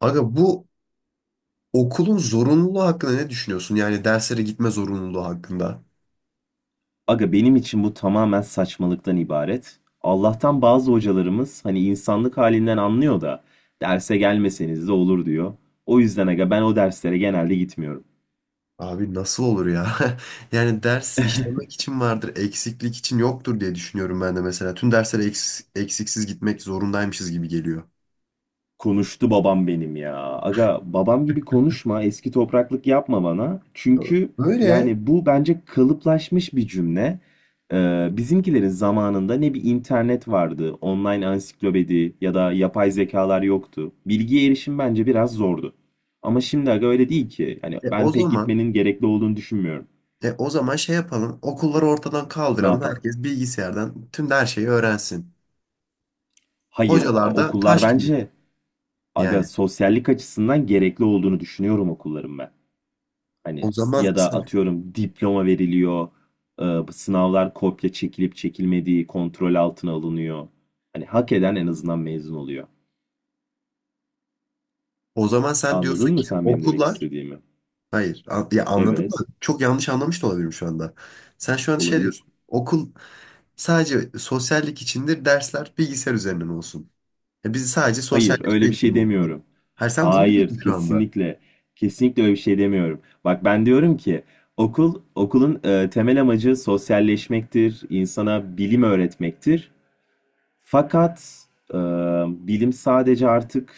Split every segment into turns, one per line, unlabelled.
Aga bu okulun zorunluluğu hakkında ne düşünüyorsun? Yani derslere gitme zorunluluğu hakkında.
Aga, benim için bu tamamen saçmalıktan ibaret. Allah'tan bazı hocalarımız hani insanlık halinden anlıyor da derse gelmeseniz de olur diyor. O yüzden aga ben o derslere genelde gitmiyorum.
Abi nasıl olur ya? Yani ders işlemek için vardır, eksiklik için yoktur diye düşünüyorum ben de mesela. Tüm derslere eksiksiz gitmek zorundaymışız gibi geliyor.
Konuştu babam benim ya. Aga, babam gibi konuşma, eski topraklık yapma bana. Çünkü
Böyle
yani bu bence kalıplaşmış bir cümle. Bizimkilerin zamanında ne bir internet vardı, online ansiklopedi ya da yapay zekalar yoktu. Bilgiye erişim bence biraz zordu. Ama şimdi aga öyle değil ki. Yani
o
ben pek
zaman
gitmenin gerekli olduğunu düşünmüyorum.
o zaman şey yapalım. Okulları ortadan
Ne
kaldıralım.
yapalım?
Herkes bilgisayardan tüm her şeyi öğrensin.
Hayır,
Hocalar da
okullar
taş gibi
bence, aga,
yani.
sosyallik açısından gerekli olduğunu düşünüyorum okulların ben.
O
Hani
zaman
ya da
sen,
atıyorum diploma veriliyor, bu sınavlar kopya çekilip çekilmediği kontrol altına alınıyor. Hani hak eden en azından mezun oluyor.
o zaman sen diyorsun
Anladın mı
ki
sen benim demek
okullar.
istediğimi?
Hayır. Ya anladım da
Evet,
çok yanlış anlamış da olabilirim şu anda. Sen şu an şey diyorsun.
olabilir.
Okul sadece sosyallik içindir. Dersler bilgisayar üzerinden olsun. Ya biz sadece
Hayır, öyle
sosyalleşmeye
bir şey
gidelim okula.
demiyorum.
Hayır, sen bunu
Hayır,
diyorsun şu anda.
kesinlikle. Kesinlikle öyle bir şey demiyorum. Bak, ben diyorum ki okulun temel amacı sosyalleşmektir, insana bilim öğretmektir. Fakat e, bilim sadece artık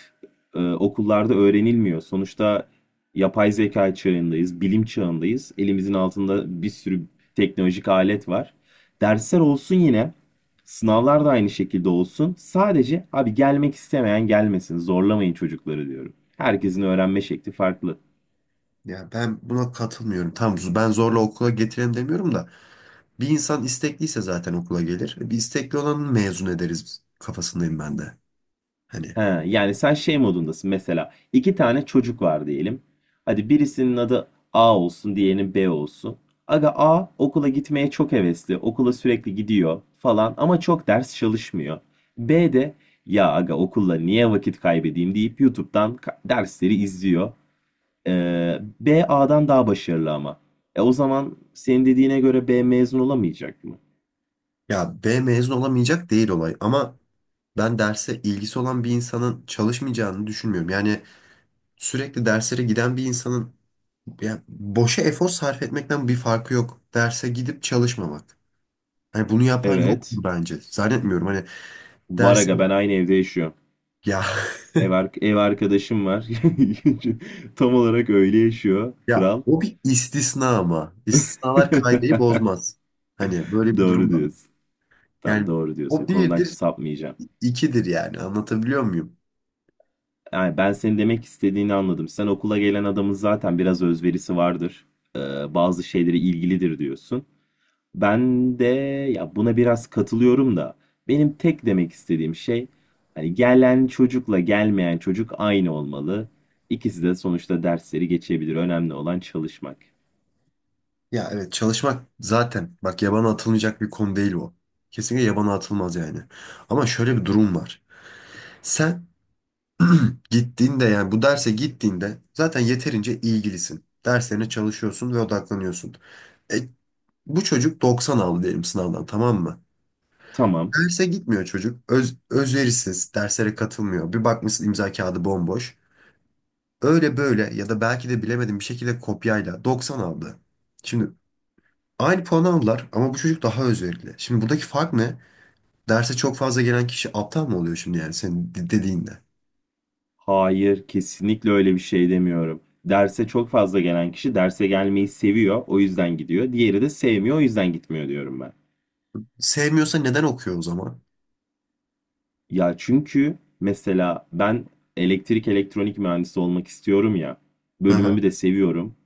okullarda öğrenilmiyor. Sonuçta yapay zeka çağındayız, bilim çağındayız. Elimizin altında bir sürü teknolojik alet var. Dersler olsun yine, sınavlar da aynı şekilde olsun. Sadece abi, gelmek istemeyen gelmesin, zorlamayın çocukları diyorum. Herkesin öğrenme şekli farklı.
Ya ben buna katılmıyorum. Tamam, ben zorla okula getirelim demiyorum da bir insan istekliyse zaten okula gelir. E, bir istekli olanı mezun ederiz biz kafasındayım ben de. Hani
He, yani sen şey modundasın, mesela iki tane çocuk var diyelim. Hadi birisinin adı A olsun, diğerinin B olsun. Aga, A okula gitmeye çok hevesli, okula sürekli gidiyor falan ama çok ders çalışmıyor. B de ya aga, okulla niye vakit kaybedeyim deyip YouTube'dan dersleri izliyor. B A'dan daha başarılı ama. O zaman senin dediğine göre B mezun olamayacak mı?
ya B mezun olamayacak değil olay ama ben derse ilgisi olan bir insanın çalışmayacağını düşünmüyorum. Yani sürekli derslere giden bir insanın, yani boşa efor sarf etmekten bir farkı yok. Derse gidip çalışmamak. Hani bunu yapan yoktur
Evet.
bence. Zannetmiyorum. Hani
Var
dersi
aga, ben aynı evde yaşıyorum.
ya
Ev arkadaşım var. Tam olarak öyle yaşıyor. Kral.
o bir istisna ama istisnalar kaideyi bozmaz. Hani böyle bir
Doğru
durum da var.
diyorsun. Tam
Yani
doğru diyorsun.
o
Konudan hiç
birdir,
sapmayacağım.
ikidir yani. Anlatabiliyor muyum?
Yani ben senin demek istediğini anladım. Sen okula gelen adamın zaten biraz özverisi vardır. Ee, bazı şeylere ilgilidir diyorsun. Ben de ya buna biraz katılıyorum da benim tek demek istediğim şey, hani gelen çocukla gelmeyen çocuk aynı olmalı. İkisi de sonuçta dersleri geçebilir. Önemli olan çalışmak.
Ya evet, çalışmak zaten bak yabana atılmayacak bir konu değil o. Kesinlikle yabana atılmaz yani. Ama şöyle bir durum var. Sen gittiğinde, yani bu derse gittiğinde zaten yeterince ilgilisin. Derslerine çalışıyorsun ve odaklanıyorsun. E, bu çocuk 90 aldı diyelim sınavdan, tamam mı?
Tamam.
Derse gitmiyor çocuk. Özverisiz, derslere katılmıyor. Bir bakmışsın imza kağıdı bomboş. Öyle böyle ya da belki de bilemedim, bir şekilde kopyayla 90 aldı. Şimdi aynı puanı aldılar ama bu çocuk daha özverili. Şimdi buradaki fark ne? Derse çok fazla gelen kişi aptal mı oluyor şimdi yani senin dediğinde?
Hayır, kesinlikle öyle bir şey demiyorum. Derse çok fazla gelen kişi derse gelmeyi seviyor, o yüzden gidiyor. Diğeri de sevmiyor, o yüzden gitmiyor diyorum ben.
Sevmiyorsa neden okuyor o zaman?
Ya çünkü mesela ben elektrik elektronik mühendisi olmak istiyorum ya.
Aha,
Bölümümü de seviyorum.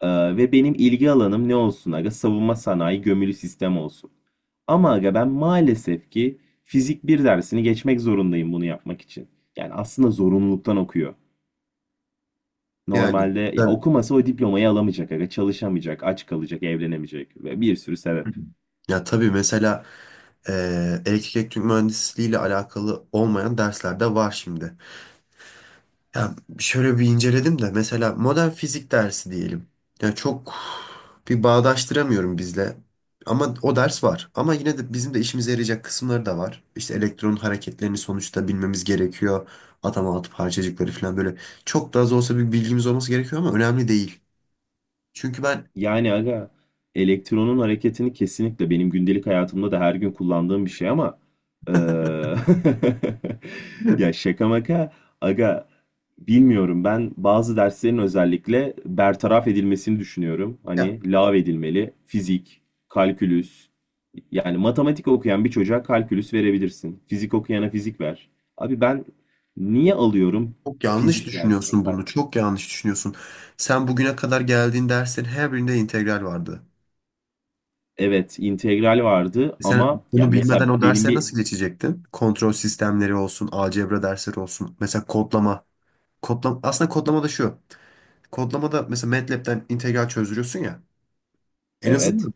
Ve benim ilgi alanım ne olsun aga? Savunma sanayi gömülü sistem olsun. Ama aga ben maalesef ki fizik bir dersini geçmek zorundayım bunu yapmak için. Yani aslında zorunluluktan okuyor.
yani.
Normalde ya okumasa o diplomayı alamayacak aga, çalışamayacak, aç kalacak, evlenemeyecek ve bir sürü sebep.
Ya tabii, mesela elektrik elektronik mühendisliği ile alakalı olmayan dersler de var şimdi. Ya şöyle bir inceledim de, mesela modern fizik dersi diyelim. Ya çok bir bağdaştıramıyorum bizle. Ama o ders var. Ama yine de bizim de işimize yarayacak kısımları da var. İşte elektronun hareketlerini sonuçta bilmemiz gerekiyor. Atom atıp parçacıkları falan böyle. Çok da az olsa bir bilgimiz olması gerekiyor ama önemli değil. Çünkü ben.
Yani aga, elektronun hareketini kesinlikle benim gündelik hayatımda da her gün kullandığım bir şey ama eee,
Değil
ya şaka maka aga, bilmiyorum, ben bazı derslerin özellikle bertaraf edilmesini düşünüyorum.
ya.
Hani lağv edilmeli fizik, kalkülüs. Yani matematik okuyan bir çocuğa kalkülüs verebilirsin. Fizik okuyana fizik ver. Abi ben niye alıyorum
Çok yanlış
fizik dersini?
düşünüyorsun bunu. Çok yanlış düşünüyorsun. Sen bugüne kadar geldiğin derslerin her birinde integral vardı.
Evet, integral vardı
E, sen
ama ya
bunu bilmeden
mesela
o
benim
derse
bir.
nasıl geçecektin? Kontrol sistemleri olsun, algebra dersleri olsun. Mesela kodlama. Kodlama, aslında kodlama da şu. Kodlama da mesela MATLab'den integral çözdürüyorsun ya. En
Evet.
azından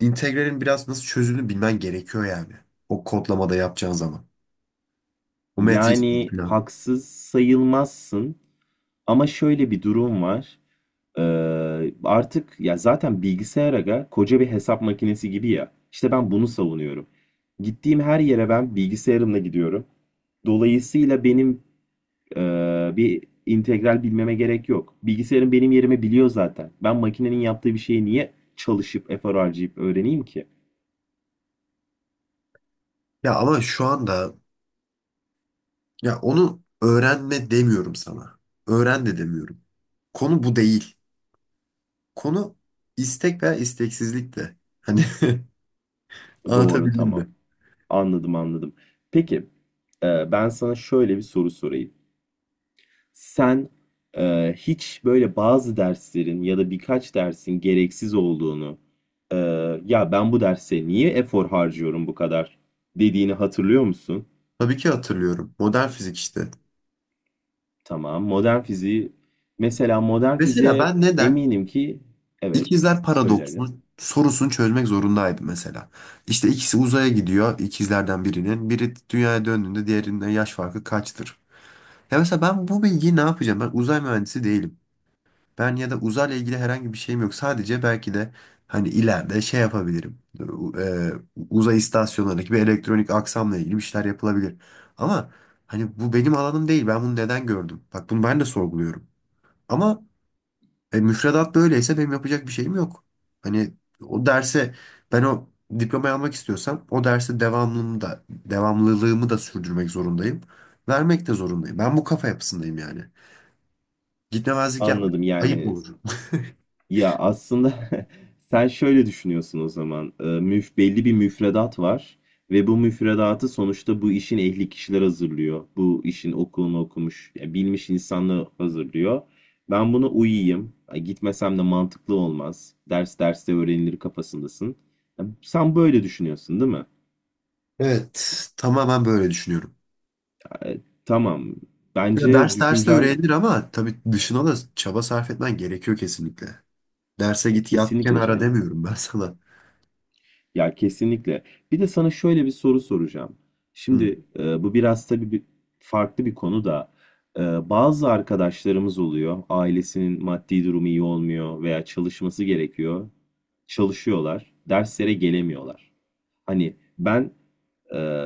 integralin biraz nasıl çözüldüğünü bilmen gerekiyor yani. O kodlamada yapacağın zaman. O matris
Yani
falan.
haksız sayılmazsın ama şöyle bir durum var. Artık ya zaten bilgisayar aga koca bir hesap makinesi gibi ya. İşte ben bunu savunuyorum. Gittiğim her yere ben bilgisayarımla gidiyorum. Dolayısıyla benim e, bir integral bilmeme gerek yok. Bilgisayarım benim yerimi biliyor zaten. Ben makinenin yaptığı bir şeyi niye çalışıp efor harcayıp öğreneyim ki?
Ya ama şu anda, ya onu öğrenme demiyorum sana. Öğren de demiyorum. Konu bu değil. Konu istek veya isteksizlik de. Hani
Doğru,
anlatabildim
tamam.
mi?
Anladım, anladım. Peki, ben sana şöyle bir soru sorayım. Sen hiç böyle bazı derslerin ya da birkaç dersin gereksiz olduğunu, e, ya ben bu derse niye efor harcıyorum bu kadar dediğini hatırlıyor musun?
Tabii ki hatırlıyorum. Modern fizik işte.
Tamam, modern fiziği, mesela modern
Mesela
fiziğe
ben neden
eminim ki, evet,
ikizler
söyle aga.
paradoksunu sorusunu çözmek zorundaydım mesela. İşte ikisi uzaya gidiyor ikizlerden birinin. Biri dünyaya döndüğünde diğerinin yaş farkı kaçtır? Ya mesela ben bu bilgiyi ne yapacağım? Ben uzay mühendisi değilim. Ben ya da uzayla ilgili herhangi bir şeyim yok. Sadece belki de hani ileride şey yapabilirim. U- e, Uzay istasyonlarındaki bir elektronik aksamla ilgili bir şeyler yapılabilir. Ama hani bu benim alanım değil. Ben bunu neden gördüm? Bak bunu ben de sorguluyorum. Ama müfredat böyleyse benim yapacak bir şeyim yok. Hani o derse, ben o diplomayı almak istiyorsam o derse devamlılığımı da sürdürmek zorundayım. Vermek de zorundayım. Ben bu kafa yapısındayım yani. Gitmemezlik yapmak
Anladım,
ayıp
yani.
olur.
Ya, aslında sen şöyle düşünüyorsun o zaman. Müf belli bir müfredat var ve bu müfredatı sonuçta bu işin ehli kişiler hazırlıyor. Bu işin okulunu okumuş, ya bilmiş insanlar hazırlıyor. Ben buna uyuyayım. Ay, gitmesem de mantıklı olmaz. Ders derste öğrenilir kafasındasın. Ya, sen böyle düşünüyorsun, değil mi?
Evet, tamamen böyle düşünüyorum.
Tamam.
Ya
Bence
ders derste
düşüncen
öğrenilir ama tabii dışına da çaba sarf etmen gerekiyor kesinlikle. Derse git yat
kesinlikle
kenara
canım.
demiyorum ben sana.
Ya, kesinlikle. Bir de sana şöyle bir soru soracağım.
Hı.
Şimdi bu biraz tabii bir, farklı bir konu da, e, bazı arkadaşlarımız oluyor. Ailesinin maddi durumu iyi olmuyor veya çalışması gerekiyor. Çalışıyorlar, derslere gelemiyorlar. Hani ben, e,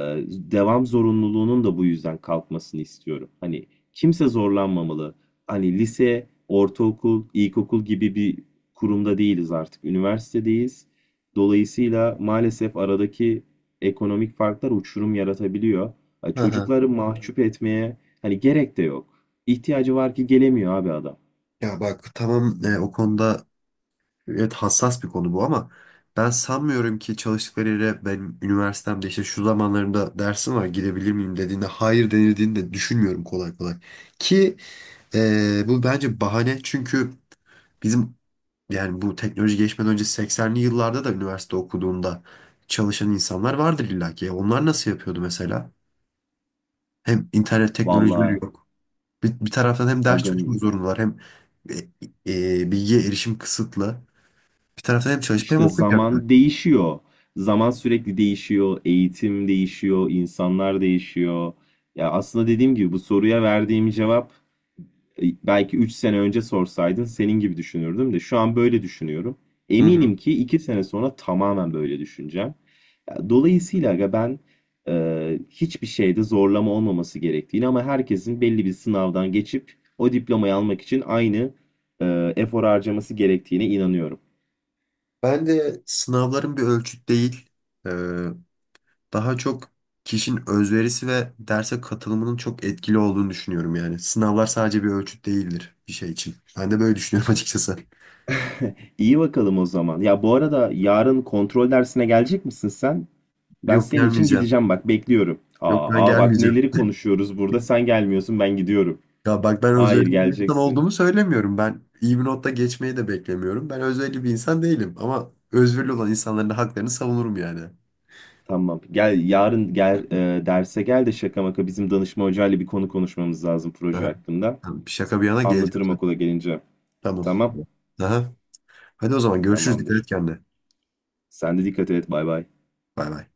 devam zorunluluğunun da bu yüzden kalkmasını istiyorum. Hani kimse zorlanmamalı. Hani lise, ortaokul, ilkokul gibi bir kurumda değiliz artık. Üniversitedeyiz. Dolayısıyla maalesef aradaki ekonomik farklar uçurum yaratabiliyor. Ha,
Aha.
çocukları mahcup etmeye hani gerek de yok. İhtiyacı var ki gelemiyor abi adam.
Ya bak tamam, o konuda evet, hassas bir konu bu ama ben sanmıyorum ki çalıştıkları yere benim üniversitemde işte şu zamanlarında dersim var gidebilir miyim dediğinde hayır denildiğini de düşünmüyorum kolay kolay. Ki bu bence bahane çünkü bizim, yani bu teknoloji geçmeden önce 80'li yıllarda da üniversite okuduğunda çalışan insanlar vardır illa ki. Ya onlar nasıl yapıyordu mesela? Hem internet teknolojileri
Vallahi
yok. Bir taraftan hem ders çalışmak
agın,
zorundalar hem e, bilgiye erişim kısıtlı. Bir taraftan hem çalışıp hem
işte,
okuyacaklar.
zaman değişiyor. Zaman sürekli değişiyor, eğitim değişiyor, insanlar değişiyor. Ya, aslında dediğim gibi bu soruya verdiğim cevap, belki 3 sene önce sorsaydın senin gibi düşünürdüm de şu an böyle düşünüyorum.
Hı hı.
Eminim ki 2 sene sonra tamamen böyle düşüneceğim. Ya, dolayısıyla aga ben, hiçbir şeyde zorlama olmaması gerektiğini ama herkesin belli bir sınavdan geçip o diplomayı almak için aynı efor harcaması gerektiğine inanıyorum.
Ben de sınavların bir ölçüt değil, e, daha çok kişinin özverisi ve derse katılımının çok etkili olduğunu düşünüyorum yani. Sınavlar sadece bir ölçüt değildir bir şey için. Ben de böyle düşünüyorum açıkçası.
İyi bakalım o zaman. Ya, bu arada yarın kontrol dersine gelecek misin sen? Ben
Yok,
senin için
gelmeyeceğim.
gideceğim, bak, bekliyorum.
Yok, ben
Aa, aa, bak
gelmeyeceğim.
neleri konuşuyoruz burada, sen gelmiyorsun, ben gidiyorum.
Ya bak, ben
Hayır,
özverili bir insan
geleceksin.
olduğumu söylemiyorum. Ben iyi bir notta geçmeyi de beklemiyorum. Ben özverili bir insan değilim. Ama özverili olan insanların da haklarını savunurum yani.
Tamam. Gel, yarın gel, derse gel de şaka maka bizim danışma hocayla bir konu konuşmamız lazım, proje
Aha.
hakkında.
Tamam, şaka bir yana geleceğim
Anlatırım
zaten.
okula gelince.
Tamam.
Tamam.
Aha. Hadi o zaman görüşürüz. Dikkat et
Tamamdır.
kendine.
Sen de dikkat et. Bay bay.
Bay bay.